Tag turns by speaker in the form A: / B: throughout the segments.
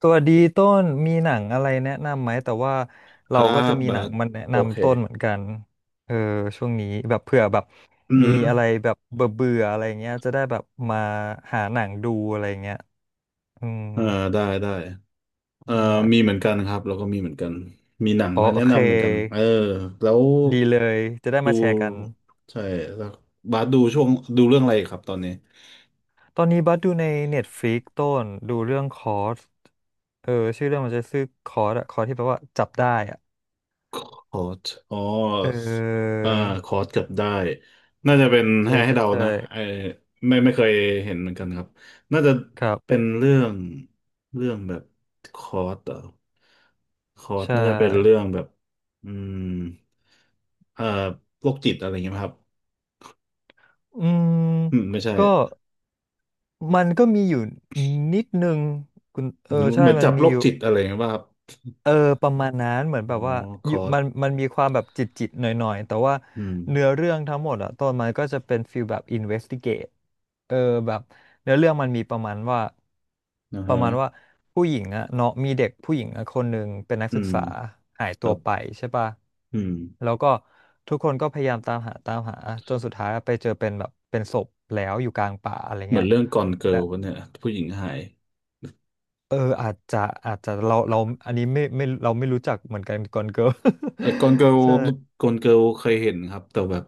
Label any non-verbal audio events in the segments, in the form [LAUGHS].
A: ตัวดีต้นมีหนังอะไรแนะนำไหมแต่ว่า
B: ค
A: เรา
B: รั
A: ก็จะ
B: บ
A: มี
B: บา
A: หนัง
B: ท
A: มันแนะ
B: โอเค
A: นำต้นเหมือนกันเออช่วงนี้แบบเผื่อแบบ
B: อื
A: มี
B: ม
A: อะไรแบบเบื่อเบื่ออะไรเงี้ยจะได้แบบมาหาหนังดูอะไรเงี้ยอืม
B: เอ่าได้ได้เอ่อ
A: ไ
B: มี
A: ด้
B: เหมือนกันครับแล้วก็มีเหมือนกันมีหนัง
A: อ๋อ
B: มา
A: โอ
B: แนะ
A: เค
B: นำเหมือนกันเออแล้ว
A: ดีเลยจะได้
B: ดู
A: มาแชร์กัน
B: ใช่แล้วบาสดูช่วงดูเรื่องอะไรครับตอนนี้
A: ตอนนี้บัสดูใน Netflix ต้นดูเรื่องคอร์สเออชื่อเรื่องมันจะชื่อคอร์สอะคอร์สที่แปลว่าจับได้อะ
B: คอร์สอ๋อ
A: เออ
B: อ่าคอร์สเกับได้น่าจะเป็น
A: ใช่
B: ให้
A: ใช่
B: เดา
A: ใช่
B: นะไอไม่เคยเห็นเหมือนกันครับน่าจะ
A: ครับ
B: เป็นเรื่องเรื่องแบบคอร์สเหรอคอร์ส
A: ใช่
B: น่าจะเป็นเรื่องแบบอืม เอ่อโรคจิตอะไรเงี้ยไครับ
A: อืม
B: อืมไม่ใช่
A: ก็มันก็มีอยู่นิดนึงคุณเอ
B: เหมือ
A: อ
B: นเห
A: ใช่
B: มือน
A: มัน
B: จับ
A: มี
B: โร
A: อ
B: ค
A: ยู่
B: จิตอะไรเงี้ยป่ะครับ
A: เออประมาณนั้นเหมือน
B: อ๋
A: แบ
B: อ
A: บว่า
B: ค
A: อยู่
B: อร์ส
A: มันมีความแบบจิตจิตหน่อยๆแต่ว่า
B: อืม
A: เนื้อเรื่องทั้งหมดอะตอนมันก็จะเป็นฟีลแบบ investigate เออแบบเนื้อเรื่องมันมีประมาณว่า
B: นะ
A: ป
B: ฮะ
A: ระมาณว่าผู้หญิงอะเนาะมีเด็กผู้หญิงอะคนหนึ่งเป็นนัก
B: อื
A: ศึก
B: ม
A: ษาหาย
B: ค
A: ตั
B: รั
A: ว
B: บ
A: ไปใช่ปะ
B: อืม
A: แล้วก็ทุกคนก็พยายามตามหาตามหาจนสุดท้ายไปเจอเป็นแบบเป็นศพแล้วอยู่กลางป่าอะไร
B: เหมือ
A: เงี้
B: น
A: ย
B: เรื่องกอนเกิ
A: และ
B: ลวะเนี่ยผู้หญิงหาย
A: เอออาจจะอาจจะเราอันนี้ไม่เราไม่รู้จักเหมือนกันก่อนเกิร์ล
B: ไอ้กอนเกิ
A: [LAUGHS]
B: ล
A: ใช่
B: กอนเกิลเคยเห็นครับแต่แบบ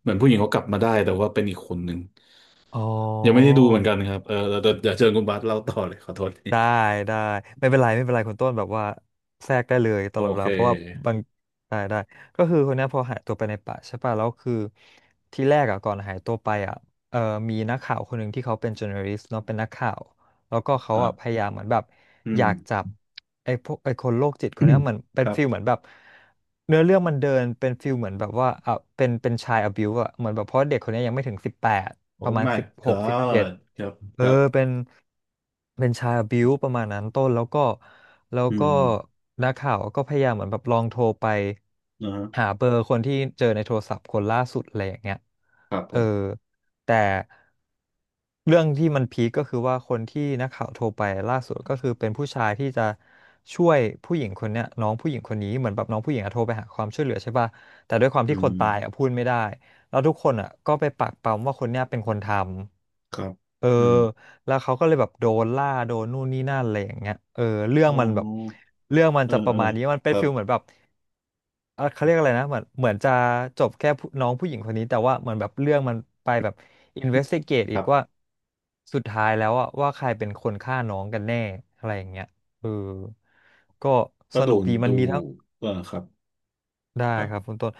B: เหมือนผู้หญิงเขากลับมาได้แต่ว่าเป็นอีกคนหนึ่ง
A: อ๋อ
B: ยังไม่ได้ดูเหมือนกันครับเออเดี๋ยวเชิญคุณบาสเล่าต่อเลยขอโทษที
A: ได้ได้ไม่เป็นไรไม่เป็นไรคุณต้นแบบว่าแทรกได้เลยต
B: โอ
A: ลอดเว
B: เค
A: ลาเพราะว่าบางได้ได้ก็คือคนเนี้ยพอหายตัวไปในป่าใช่ป่ะแล้วคือที่แรกอ่ะก่อนหายตัวไปอ่ะเออมีนักข่าวคนหนึ่งที่เขาเป็น journalist เนาะเป็นนักข่าว แล้วก็
B: ค
A: เขา
B: รั
A: อ่ะพ
B: บ
A: ยายามเหมือนแบบ
B: อื
A: อ
B: ม
A: ยากจับไอ้พวกไอ้คนโรคจิตคนเนี้ยเหมือน
B: [COUGHS]
A: เป็
B: ค
A: น
B: รับ
A: ฟิลเหมือนแบบเนื้อเรื่องมันเดินเป็นฟิลเหมือนแบบว่าอ่ะเป็นชายอบิวอ่ะเหมือนแบบเพราะเด็กคนเนี้ยยังไม่ถึงสิบแปด
B: โอ้
A: ประมาณ
B: my
A: สิบหกสิบเจ็ด
B: god ครับค
A: เออ
B: รับ
A: เป็นเป็นชายอบิวประมาณนั้นต้นแล้วก็แล้ว
B: อื
A: ก็
B: ม
A: นักข่าวก็พยายามเหมือนแบบลองโทรไป
B: นะฮะ
A: หาเบอร์คนที่เจอในโทรศัพท์คนล่าสุดอะไรอย่างเงี้ย
B: ครับผ
A: เออ
B: ม
A: แต่ เรื่องที่มันพีคก็คือว่าคนที่นักข่าวโทรไปล่าสุดก็คือเป็นผู้ชายที่จะช่วยผู้หญิงคนเนี้ยน้องผู้หญิงคนนี้เหมือนแบบน้องผู้หญิงอะโทรไปหาความช่วยเหลือใช่ป่ะแต่ด้วยความ
B: อื
A: ที่ค
B: ม
A: นตายอะพูดไม่ได้แล้วทุกคนอะก็ไปปักปำว่าคนเนี้ยเป็นคนทำ
B: ครับ
A: เออ
B: อืม
A: แล้วเขาก็เลยแบบโดนล่าโดนนู่นนี่นั่นอะไรอย่างเงี้ยเออเรื่อง
B: อ๋อ
A: มันแบบเรื่องมัน
B: เออ
A: จะป
B: เอ
A: ระ
B: อ
A: มาณนี้มัน
B: ค
A: เป็น
B: รั
A: ฟิ
B: บ
A: ลเหมือนแบบ เออเขาเรียกอะไรนะเหมือนเหมือนจะจบแค่ผู้น้องผู้หญิงคนนี้แต่ว่าเหมือนแบบเรื่องมันไปแบบ investigate
B: ค
A: อี
B: รั
A: กว่า
B: บ
A: สุดท้ายแล้วอะว่าใครเป็นคนฆ่าน้องกันแน่อะไรอย่างเงี้ยเออก็
B: ก็
A: ส
B: ดู
A: นุกดีมั
B: ดู
A: นมีทั้ง
B: เออครับ
A: ได้
B: ครั
A: ครับคุ
B: บ
A: ณต้น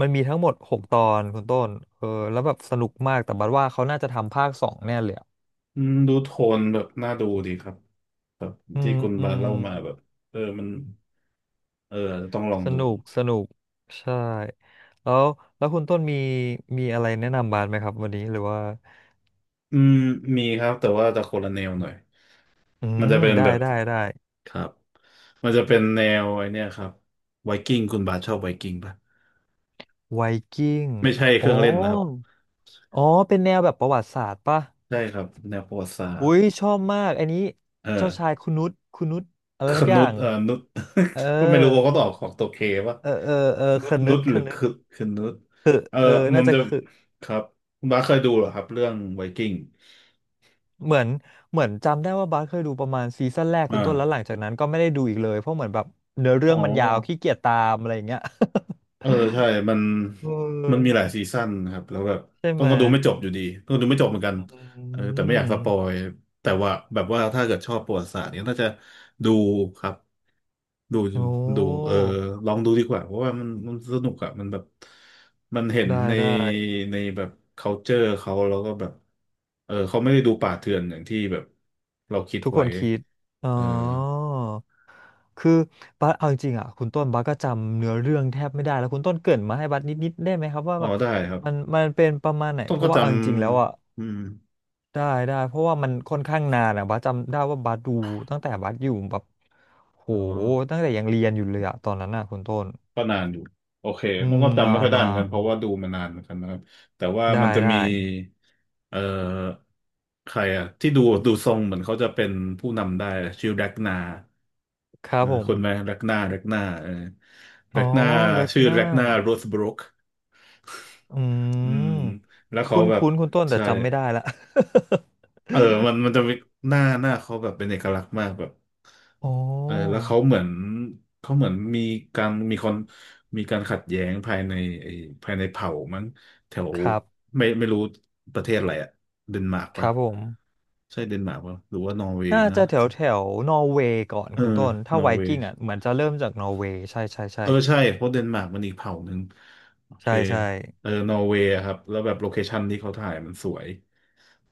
A: มันมีทั้งหมดหกตอนคุณต้นเออแล้วแบบสนุกมากแต่บัดว่าเขาน่าจะทำภาคสองแน่เลยอะ
B: อืมดูโทนแบบน่าดูดีครับครับ
A: อื
B: ที่
A: ม
B: คุณ
A: อื
B: บาส
A: ม
B: เล่ามาแบบเออมันเอออาจจะต้องลอง
A: ส
B: ดู
A: นุกสนุกใช่แล้วแล้วคุณต้นมีมีอะไรแนะนำบาสไหมครับวันนี้หรือว่า
B: อืมมีครับแต่ว่าจะคนละแนวหน่อย
A: อื
B: มันจะ
A: ม
B: เป็น
A: ได้
B: แบบ
A: ได้ได้
B: ครับมันจะเป็นแนวไอเนี้ยครับไวกิ้งคุณบาสชอบไวกิ้งปะ
A: ไวกิ้ง
B: ไม่ใช่เค
A: อ๋อ
B: รื่องเล่นนะครับ
A: อ๋อเป็นแนวแบบประวัติศาสตร์ป่ะ
B: ใช่ครับแนวประวัติศาส
A: อุ้
B: ตร์
A: ยชอบมากอันนี้
B: เอ
A: เจ้าชาย
B: อ
A: คุณนุชคุณนุชอะไร
B: คื
A: สั
B: อ
A: กอ
B: นุ
A: ย่า
B: ช
A: ง
B: นุช
A: เออ
B: [LAUGHS] ก็ไม่รู้ว่าเขาตอบของตัวเคว่า
A: เออเออเออ
B: นุ
A: ค
B: ชนุ
A: นึด
B: ช
A: ค
B: หรือ
A: นึด
B: คือคือนุชเออ
A: เออ
B: มั
A: น่า
B: น
A: จะ
B: จะ
A: คือ
B: ครับคุณบ้าสเคยดูเหรอครับเรื่องไวกิ้ง
A: เหมือนเหมือนจำได้ว่าบาสเคยดูประมาณซีซั่นแรกคุณต้นแล้วห
B: อ่า
A: ลังจากนั้นก็ไม่ได้ดูอีกเลยเพราะเหมือนแบบเนื้อเรื่
B: อ๋
A: อ
B: อ
A: งมันยาวขี้เกียจตามอะไรอย่างเงี้ย
B: เออใช่มัน
A: [LAUGHS] เ
B: มันมี
A: ออ
B: หลายซีซั่นนะครับแล้วแบบ
A: ใช่
B: ต้อ
A: ไห
B: ง
A: ม
B: ก็
A: ย
B: ดูไม่จบอยู่ดีต้องดูไม่จบเหมือนกัน
A: อื
B: เออแต่ไม่อยาก
A: ม
B: สปอยแต่ว่าแบบว่าถ้าเกิดชอบประวัติศาสตร์เนี่ยน่าจะดูครับ ดู
A: โอ้
B: ดูเออลองดูดีกว่าเพราะว่ามันสนุกอะมันแบบมันเห็น
A: ได้
B: ใน
A: ได้
B: แบบ culture เขาแล้วก็แบบเออเขาไม่ได้ดูป่าเถื่อนอย่างที่แบบเราคิด
A: ทุกค
B: ไว้
A: นคิดอ๋อ
B: เออ
A: คือบัสเอาจริงๆอ่ะคุณต้นบัสก็จำเนื้อเรื่องแทบไม่ได้แล้วคุณต้นเกริ่นมาให้บัสนิดๆได้ไหมครับว่า
B: อ๋อ
A: แบบ
B: ได้ครับ
A: มันเป็นประมาณไหน
B: ต้อ
A: เพ
B: งก็
A: ราะว่า
B: จ
A: เอาจริงๆแล้วอ่ะ
B: ำอืม
A: ได้ได้เพราะว่ามันค่อนข้างนานอ่ะบัสจำได้ว่าบัสดูตั้งแต่บัสอยู่แบบโห
B: อ๋อ
A: ตั้งแต่ยังเรียนอยู่เลยอ่ะตอนนั้นอ่ะคุณต้น
B: ก็นานอยู่โอเค
A: อื
B: ต้อง
A: ม
B: ก็จำ
A: นา
B: ไม่
A: น
B: ค่อยได้
A: นา
B: เหมือนกัน
A: น
B: เพราะว่าดูมานานเหมือนกันนะครับแต่ว่า
A: ได้
B: มันจะ
A: ได้
B: มีเอ่อใครอะที่ดูดูทรงเหมือนเขาจะเป็นผู้นำได้ชื่อแร็กนา
A: ครั
B: เอ
A: บ
B: อ
A: ผม
B: คุณไหมแร็กหน้าแร็กหนาเออ
A: อ๋
B: แร็
A: อ
B: กหนา
A: แร็ก
B: ชื่อ
A: หน้า
B: แร็กหนาโรสบรุก
A: อื
B: อืม
A: ม
B: แล้วเขา
A: คุ้น
B: แบบ
A: คุ้นคุณต้นแต่
B: ใช่
A: จำไม่ได้ละ
B: เออมัน
A: [LAUGHS]
B: มันจะมีหน้าหน้าเขาแบบเป็นเอกลักษณ์มากแบบ
A: โอ้
B: เออแล้วเขาเหมือนเขาเหมือนมีการมีคนมีการขัดแย้งภายในไอ้ภายในเผ่ามั้งแถว
A: ครับ
B: ไม่ไม่รู้ประเทศอะไรอะเดนมาร์ก
A: ค
B: ปะ
A: รับผม
B: ใช่เดนมาร์กปะหรือว่านอร์เวย์
A: น่า
B: นะ
A: จะแถวแถวนอร์เวย์ก่อน
B: เออ
A: คุณต้นถ้า
B: นอ
A: ไว
B: ร์เวย์
A: กิ้งอ่ะเหมือนจะเริ่มจากนอร์เวย์ใช่ใช่ใช่
B: เออใช่เพราะเดนมาร์กมันอีกเผ่าหนึ่งโอเค
A: ใช่ใช่
B: เออนอร์เวย์อะครับแล้วแบบโลเคชันที่เขาถ่ายมันสวย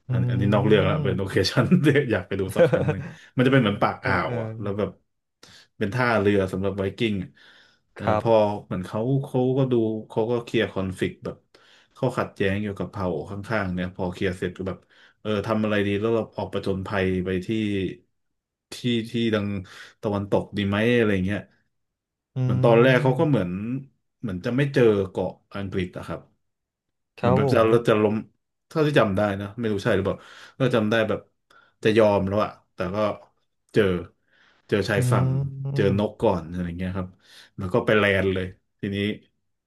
A: อื
B: อันอันนี้นอกเรื่องละเป็นโลเค
A: ม
B: ชัน [LAUGHS] ที่อยากไปดูสักครั้งหนึ่งมันจะเป็นเหมือนปาก
A: [LAUGHS] เอ
B: อ่า
A: อ
B: ว
A: เออ
B: อ่ะแล้วแบบเป็นท่าเรือสำหรับไวกิ้งอะเอ
A: ค
B: อ
A: รั
B: พอ
A: บ
B: เหมือนเขาเขาก็ดูเขาก็เคลียร์คอนฟลิกต์แบบเขาขัดแย้งเกี่ยวกับเผ่าข้างๆเนี่ยพอเคลียร์เสร็จก็แบบ เออทำอะไรดีแล้วเราออกประจนภัยไปที่ที่ดังตะวันตกดีไหมอะไรเงี้ย
A: อื
B: เหมือนตอนแรกเขาก็เหมือ
A: ม
B: นเหมือนจะไม่เจอเกาะอังกฤษอะครับ
A: ค
B: เหมื
A: รั
B: อน
A: บ
B: แบ
A: ผ
B: บจะ
A: ม
B: จะล้มเท่าที่จำได้นะไม่รู้ใช่หรือเปล่าก็จำได้แบบจะยอมแล้วอะแต่ก็เจอเจอชา
A: อื
B: ยฝั่งเจอ
A: ม
B: นกก่อนอะไรเงี้ยครับแล้วก็ไปแลนด์เลยทีนี้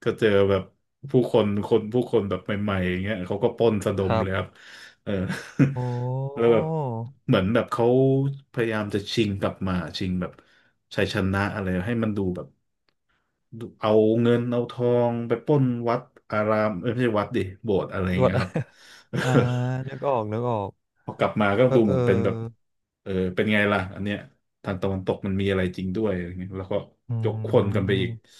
B: ก็เจอแบบผู้คนคนผู้คนแบบใหม่ๆอย่างเงี้ยเขาก็ปล้นสะด
A: ค
B: ม
A: รั
B: เลยครับ
A: บ
B: เออ
A: โอ
B: [LAUGHS] แล้ว
A: ้
B: แบบเหมือนแบบเขาพยายามจะชิงกลับมาชิงแบบชัยชนะอะไรให้มันดูแบบ เอาเงินเอาทองไปปล้นวัดอารามเอ้ยไม่ใช่วัดดิโบสถ์อะไร
A: [LAUGHS] หว
B: เงี้
A: ด
B: ยครับ [LAUGHS]
A: [LAUGHS] อ่านึกออกนึกออก
B: พอกลับมาก็
A: เออ
B: ดูเห
A: เอ
B: มื
A: อ
B: อนเป็นแบบเออเป็นไงล่ะอันเนี้ยทางตะวันตกมันมีอะไรจริงด้วยอะไรเงี้ยแล้วก็
A: อื
B: ยกคนกันไปอีก
A: ม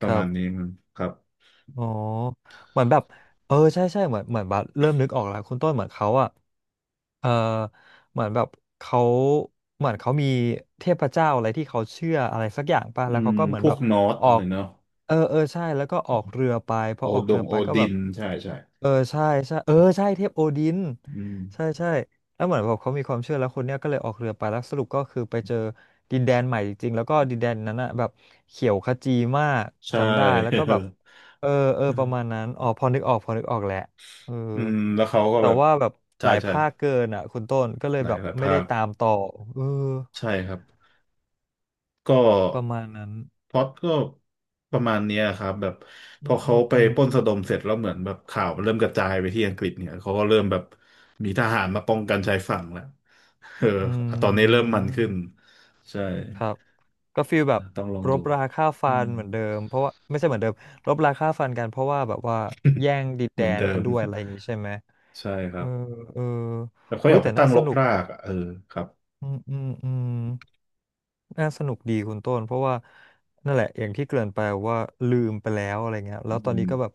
B: ป
A: ค
B: ระ
A: รั
B: มา
A: บ
B: ณนี้มันครับ
A: อ๋อเหมือนแบบเออใช่ใช่เหมือนเหมือนบัสเริ่มนึกออกแล้วคุณต้นเหมือนเขาอะ เอ่อเหมือนแบบเขาเขามีเทพเจ้าอะไรที่เขาเชื่ออะไรสักอย่างป่ะ
B: อื
A: แล้ว
B: ม
A: เขาก็เหมือ
B: พ
A: น
B: ว
A: แบ
B: ก
A: บ
B: นอร์ส
A: ออ
B: อะไร
A: ก
B: เนาะ
A: เออเออใช่แล้วก็ออกเรือไปพ
B: โอ
A: อออก
B: ด
A: เรื
B: ง
A: อไป
B: โอ
A: ก็
B: ดิ
A: แบบ
B: นใช่ใช่
A: เออใช่ใช่เออใช่เทพโอดิน
B: อืม
A: ใช่ใช่แล้วเหมือนแบบเขามีความเชื่อแล้วคนเนี้ยก็เลยออกเรือไปแล้วสรุปก็คือไปเจอดินแดนใหม่จริงๆแล้วก็ดินแดนนั้นอะแบบเขียวขจีมาก
B: ใช
A: จำได้แล้วก็
B: ่
A: แบบเออเออประมาณ
B: [LAUGHS]
A: นั้นอ๋อพอนึกออกพอนึกออกแหละ เออ
B: อืมแล้วเขาก็
A: แต่
B: แบบ
A: ว่าแบบห
B: ใช่
A: ลาย
B: ใช่
A: ภาคเกินอ่ะคุณต้นก็เลย
B: หลา
A: แบ
B: ย
A: บ
B: หลาย
A: ไม่
B: ภา
A: ได้
B: ค
A: ตามต่อเออ
B: ใช่ครับ ก็
A: ประมาณนั้น
B: พล็อตก็ประมาณเนี้ยครับแบบพ
A: อื
B: อ
A: มอื
B: เขา
A: ม
B: ไป
A: อืม
B: ปล้นสะดมเสร็จแล้วเหมือนแบบข่าวมันเริ่มกระจายไปที่อังกฤษเนี่ยเขาก็เริ่มแบบมีทหารมาป้องกันชายฝั่งแล้ว [LAUGHS] เออ
A: อื
B: ตอนนี้เริ่ม
A: ม
B: มันขึ้นใช่
A: ครับก็ฟีลแบบ
B: ต้องลอง
A: ร
B: ดู
A: บราฆ่า
B: อื
A: ฟั
B: ม
A: นเหมือนเดิมเพราะว่าไม่ใช่เหมือนเดิมรบราฆ่าฟันกันเพราะว่าแบบว่าแย่งดิน
B: [LAUGHS] เห
A: แด
B: มือน
A: น
B: เดิ
A: กัน
B: ม
A: ด้วยอะไรอย่างงี้ใช่ไหม
B: ใช่ค
A: เอ
B: รั
A: อ
B: บ
A: เออ
B: แต่เขา
A: หุ้
B: อ
A: ย
B: ยากไป
A: แต่
B: ตั้
A: น่า
B: ง
A: ส
B: รก
A: นุก
B: รากอ่ะเออครับ
A: อืมอืมอืม น่าสนุกดีคุณต้นเพราะว่านั่นแหละอย่างที่เกริ่นไปว่าลืมไปแล้วอะไรเงี้ยแล้
B: อื
A: วตอนนี้
B: ม
A: ก็แบบ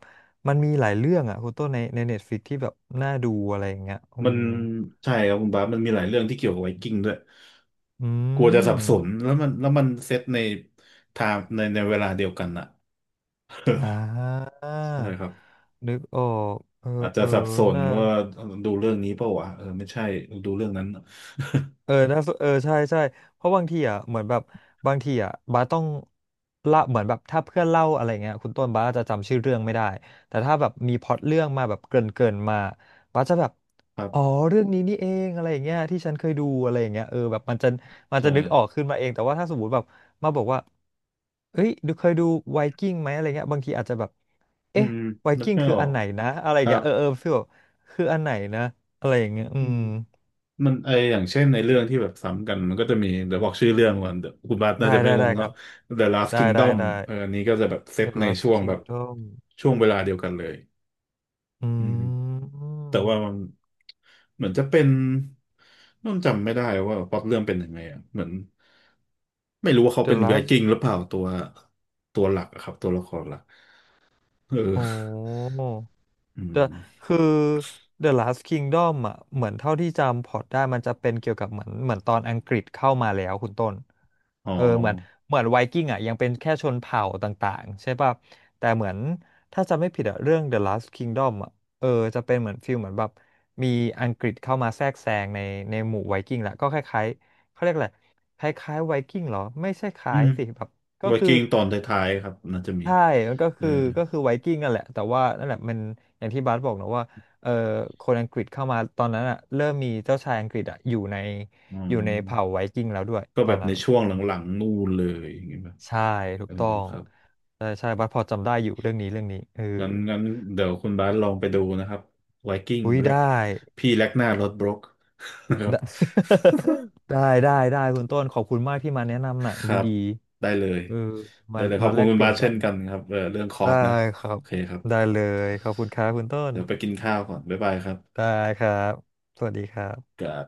A: มันมีหลายเรื่องอ่ะคุณต้นใน Netflix ที่แบบน่าดูอะไรอย่างเงี้ยอื
B: มัน
A: ม
B: ใช่ครับคุณบาสมันมีหลายเรื่องที่เกี่ยวกับไวกิ้งด้วย
A: อื
B: กลัวจะสับสน
A: ม
B: แล้วมันเซตในไทม์ในเวลาเดียวกันอะ
A: อ่า
B: [LAUGHS] ใช่ครับ
A: นึกออกเออ
B: อาจจะ
A: เออ
B: สับสน
A: น่า
B: ว่าดูเรื่องนี้เปล่าวะเออไม่ใช่ดูเรื่องนั้น
A: เออน่าสเออใช่ ใช่ เพราะบางทีอ่ะเหมือนแบบ บางทีอ่ะบาสต้องละเหมือนแบบถ้าเพื่อนเล่าอะไรเงี้ยคุณต้นบาสจะจำชื่อเรื่องไม่ได้ แต่ถ้าแบบมีพล็อตเรื่องมาแบบเกริ่นเกินมา บาสจะแบบ
B: ครั
A: อ๋อ
B: บ
A: เรื่องนี้นี่เอง อะไรอย่างเงี้ยที่ฉันเคยดูอะไรอย่างเงี้ยเออแบบมันจะมัน
B: ใช่
A: จะนึกออกขึ้นมาเองแต่ว่าถ้าสมมติแบบมาบอกว่าเอ้ยดูเคยดูไวกิ้งไหมอะไรเงี้ยบางทีอาจจะแบบ
B: อื
A: เอ๊ะ
B: ม
A: ไว
B: นึก
A: กิ้ง
B: ไม่
A: คือ
B: ออ
A: อั
B: ก
A: นไหนนะอะไร
B: ครั
A: เงี้
B: บ
A: ยเออเออฟีลแบบคืออันไหนนะอะไรอย่างเงี้ยอื
B: อื
A: ม
B: มมันไออย่างเช่นในเรื่องที่แบบซ้ำกันมันก็จะมีเดี๋ยวบอกชื่อเรื่องก่อนเดี๋ยวคุณบาส
A: ได้
B: น่าจะไม่
A: ได้
B: ง
A: ได้
B: ง
A: ครั
B: เนาะ
A: บ
B: The Last
A: ได้ได้
B: Kingdom
A: ได้
B: เอออันนี้ก็จะแบบเซต
A: The
B: ใน
A: Last
B: ช่วงแบบ
A: Kingdom
B: ช่วงเวลาเดียวกันเลย
A: อื
B: อืม แต่ว่ามั
A: ม
B: นเหมือนจะเป็นต้องจำไม่ได้ว่าพล็อตเรื่องเป็นยังไงอ่ะเหมือนไม่รู้ว่าเขา
A: The
B: เป็นไว
A: Last
B: กิ้งหรือเปล่าตัวตัวหลักอะครับตัวละครหลักเอ
A: โอ้
B: ออื
A: เดอะ
B: ม
A: คือ The Last Kingdom อ่ะเหมือนเท่าที่จำพอร์ตได้มันจะเป็นเกี่ยวกับเหมือนเหมือนตอนอังกฤษเข้ามาแล้วคุณต้น
B: อ๋อ
A: เออเหมือนเหมือนไวกิ้งอ่ะยังเป็นแค่ชนเผ่าต่างๆใช่ป่ะแต่เหมือนถ้าจำไม่ผิดอะเรื่อง The Last Kingdom อ่ะเออจะเป็นเหมือนฟิลเหมือนแบบมีอังกฤษเข้ามาแทรกแซงในหมู่ไวกิ้งแหละก็คล้ายๆเขาเรียกอะไรคล้ายๆไวกิ้งเหรอไม่ใช่ค
B: อื
A: ล้าย
B: ม
A: สิแบบก็
B: ไว
A: คือ
B: กิ้งตอนท้ายๆครับน่าจะมี
A: ใช่มันก็
B: เออ
A: คือก็คือไวกิ้งนั่นแหละแต่ว่านั่นแหละมันอย่างที่บาสบอกนะว่าเออคนอังกฤษเข้ามาตอนนั้นอ่ะเริ่มมีเจ้าชายอังกฤษอ่ะอยู่ใน
B: อ๋อ
A: เผ่าไวกิ้งแล้วด้วย
B: ก็
A: ต
B: แบ
A: อน
B: บ
A: นั้
B: ใน
A: น
B: ช่วง
A: อืม
B: หลังๆนู่นเลยอย่างเงี้ยแบบ
A: ใช่ถู
B: เอ
A: ก
B: อ
A: ต้อง
B: ครับ
A: ใช่ใช่บัสพอจำได้อยู่เรื่องนี้เรื่องนี้เออ
B: งั้นงั้นเดี๋ยวคุณบาสลองไปดูนะครับไวกิ้ง
A: อุ้ย
B: แล
A: ได้
B: กพี่แลกหน้ารถบรก [LAUGHS] นะครับ
A: ได้ [LAUGHS] ได้ได้ได้คุณต้นขอบคุณมากที่มาแนะนำหนัง
B: ครับ
A: ดี
B: ได้เลย
A: ๆเออมา
B: ได้เลยขอบ
A: มา
B: คุ
A: แล
B: ณ
A: ก
B: คุณ
A: เปลี่
B: บา
A: ยน
B: สเช่
A: กั
B: น
A: น
B: กันครับเออเรื่องคอ
A: ได้
B: ร์สนะ
A: ครั
B: โอ
A: บ
B: เคครับ
A: ได้เลยขอบคุณครับคุณต้น
B: เดี๋ยวไปกินข้าวก่อนบ๊ายบายครับ
A: ได้ครับ สวัสดีครั
B: ค
A: บ
B: รับ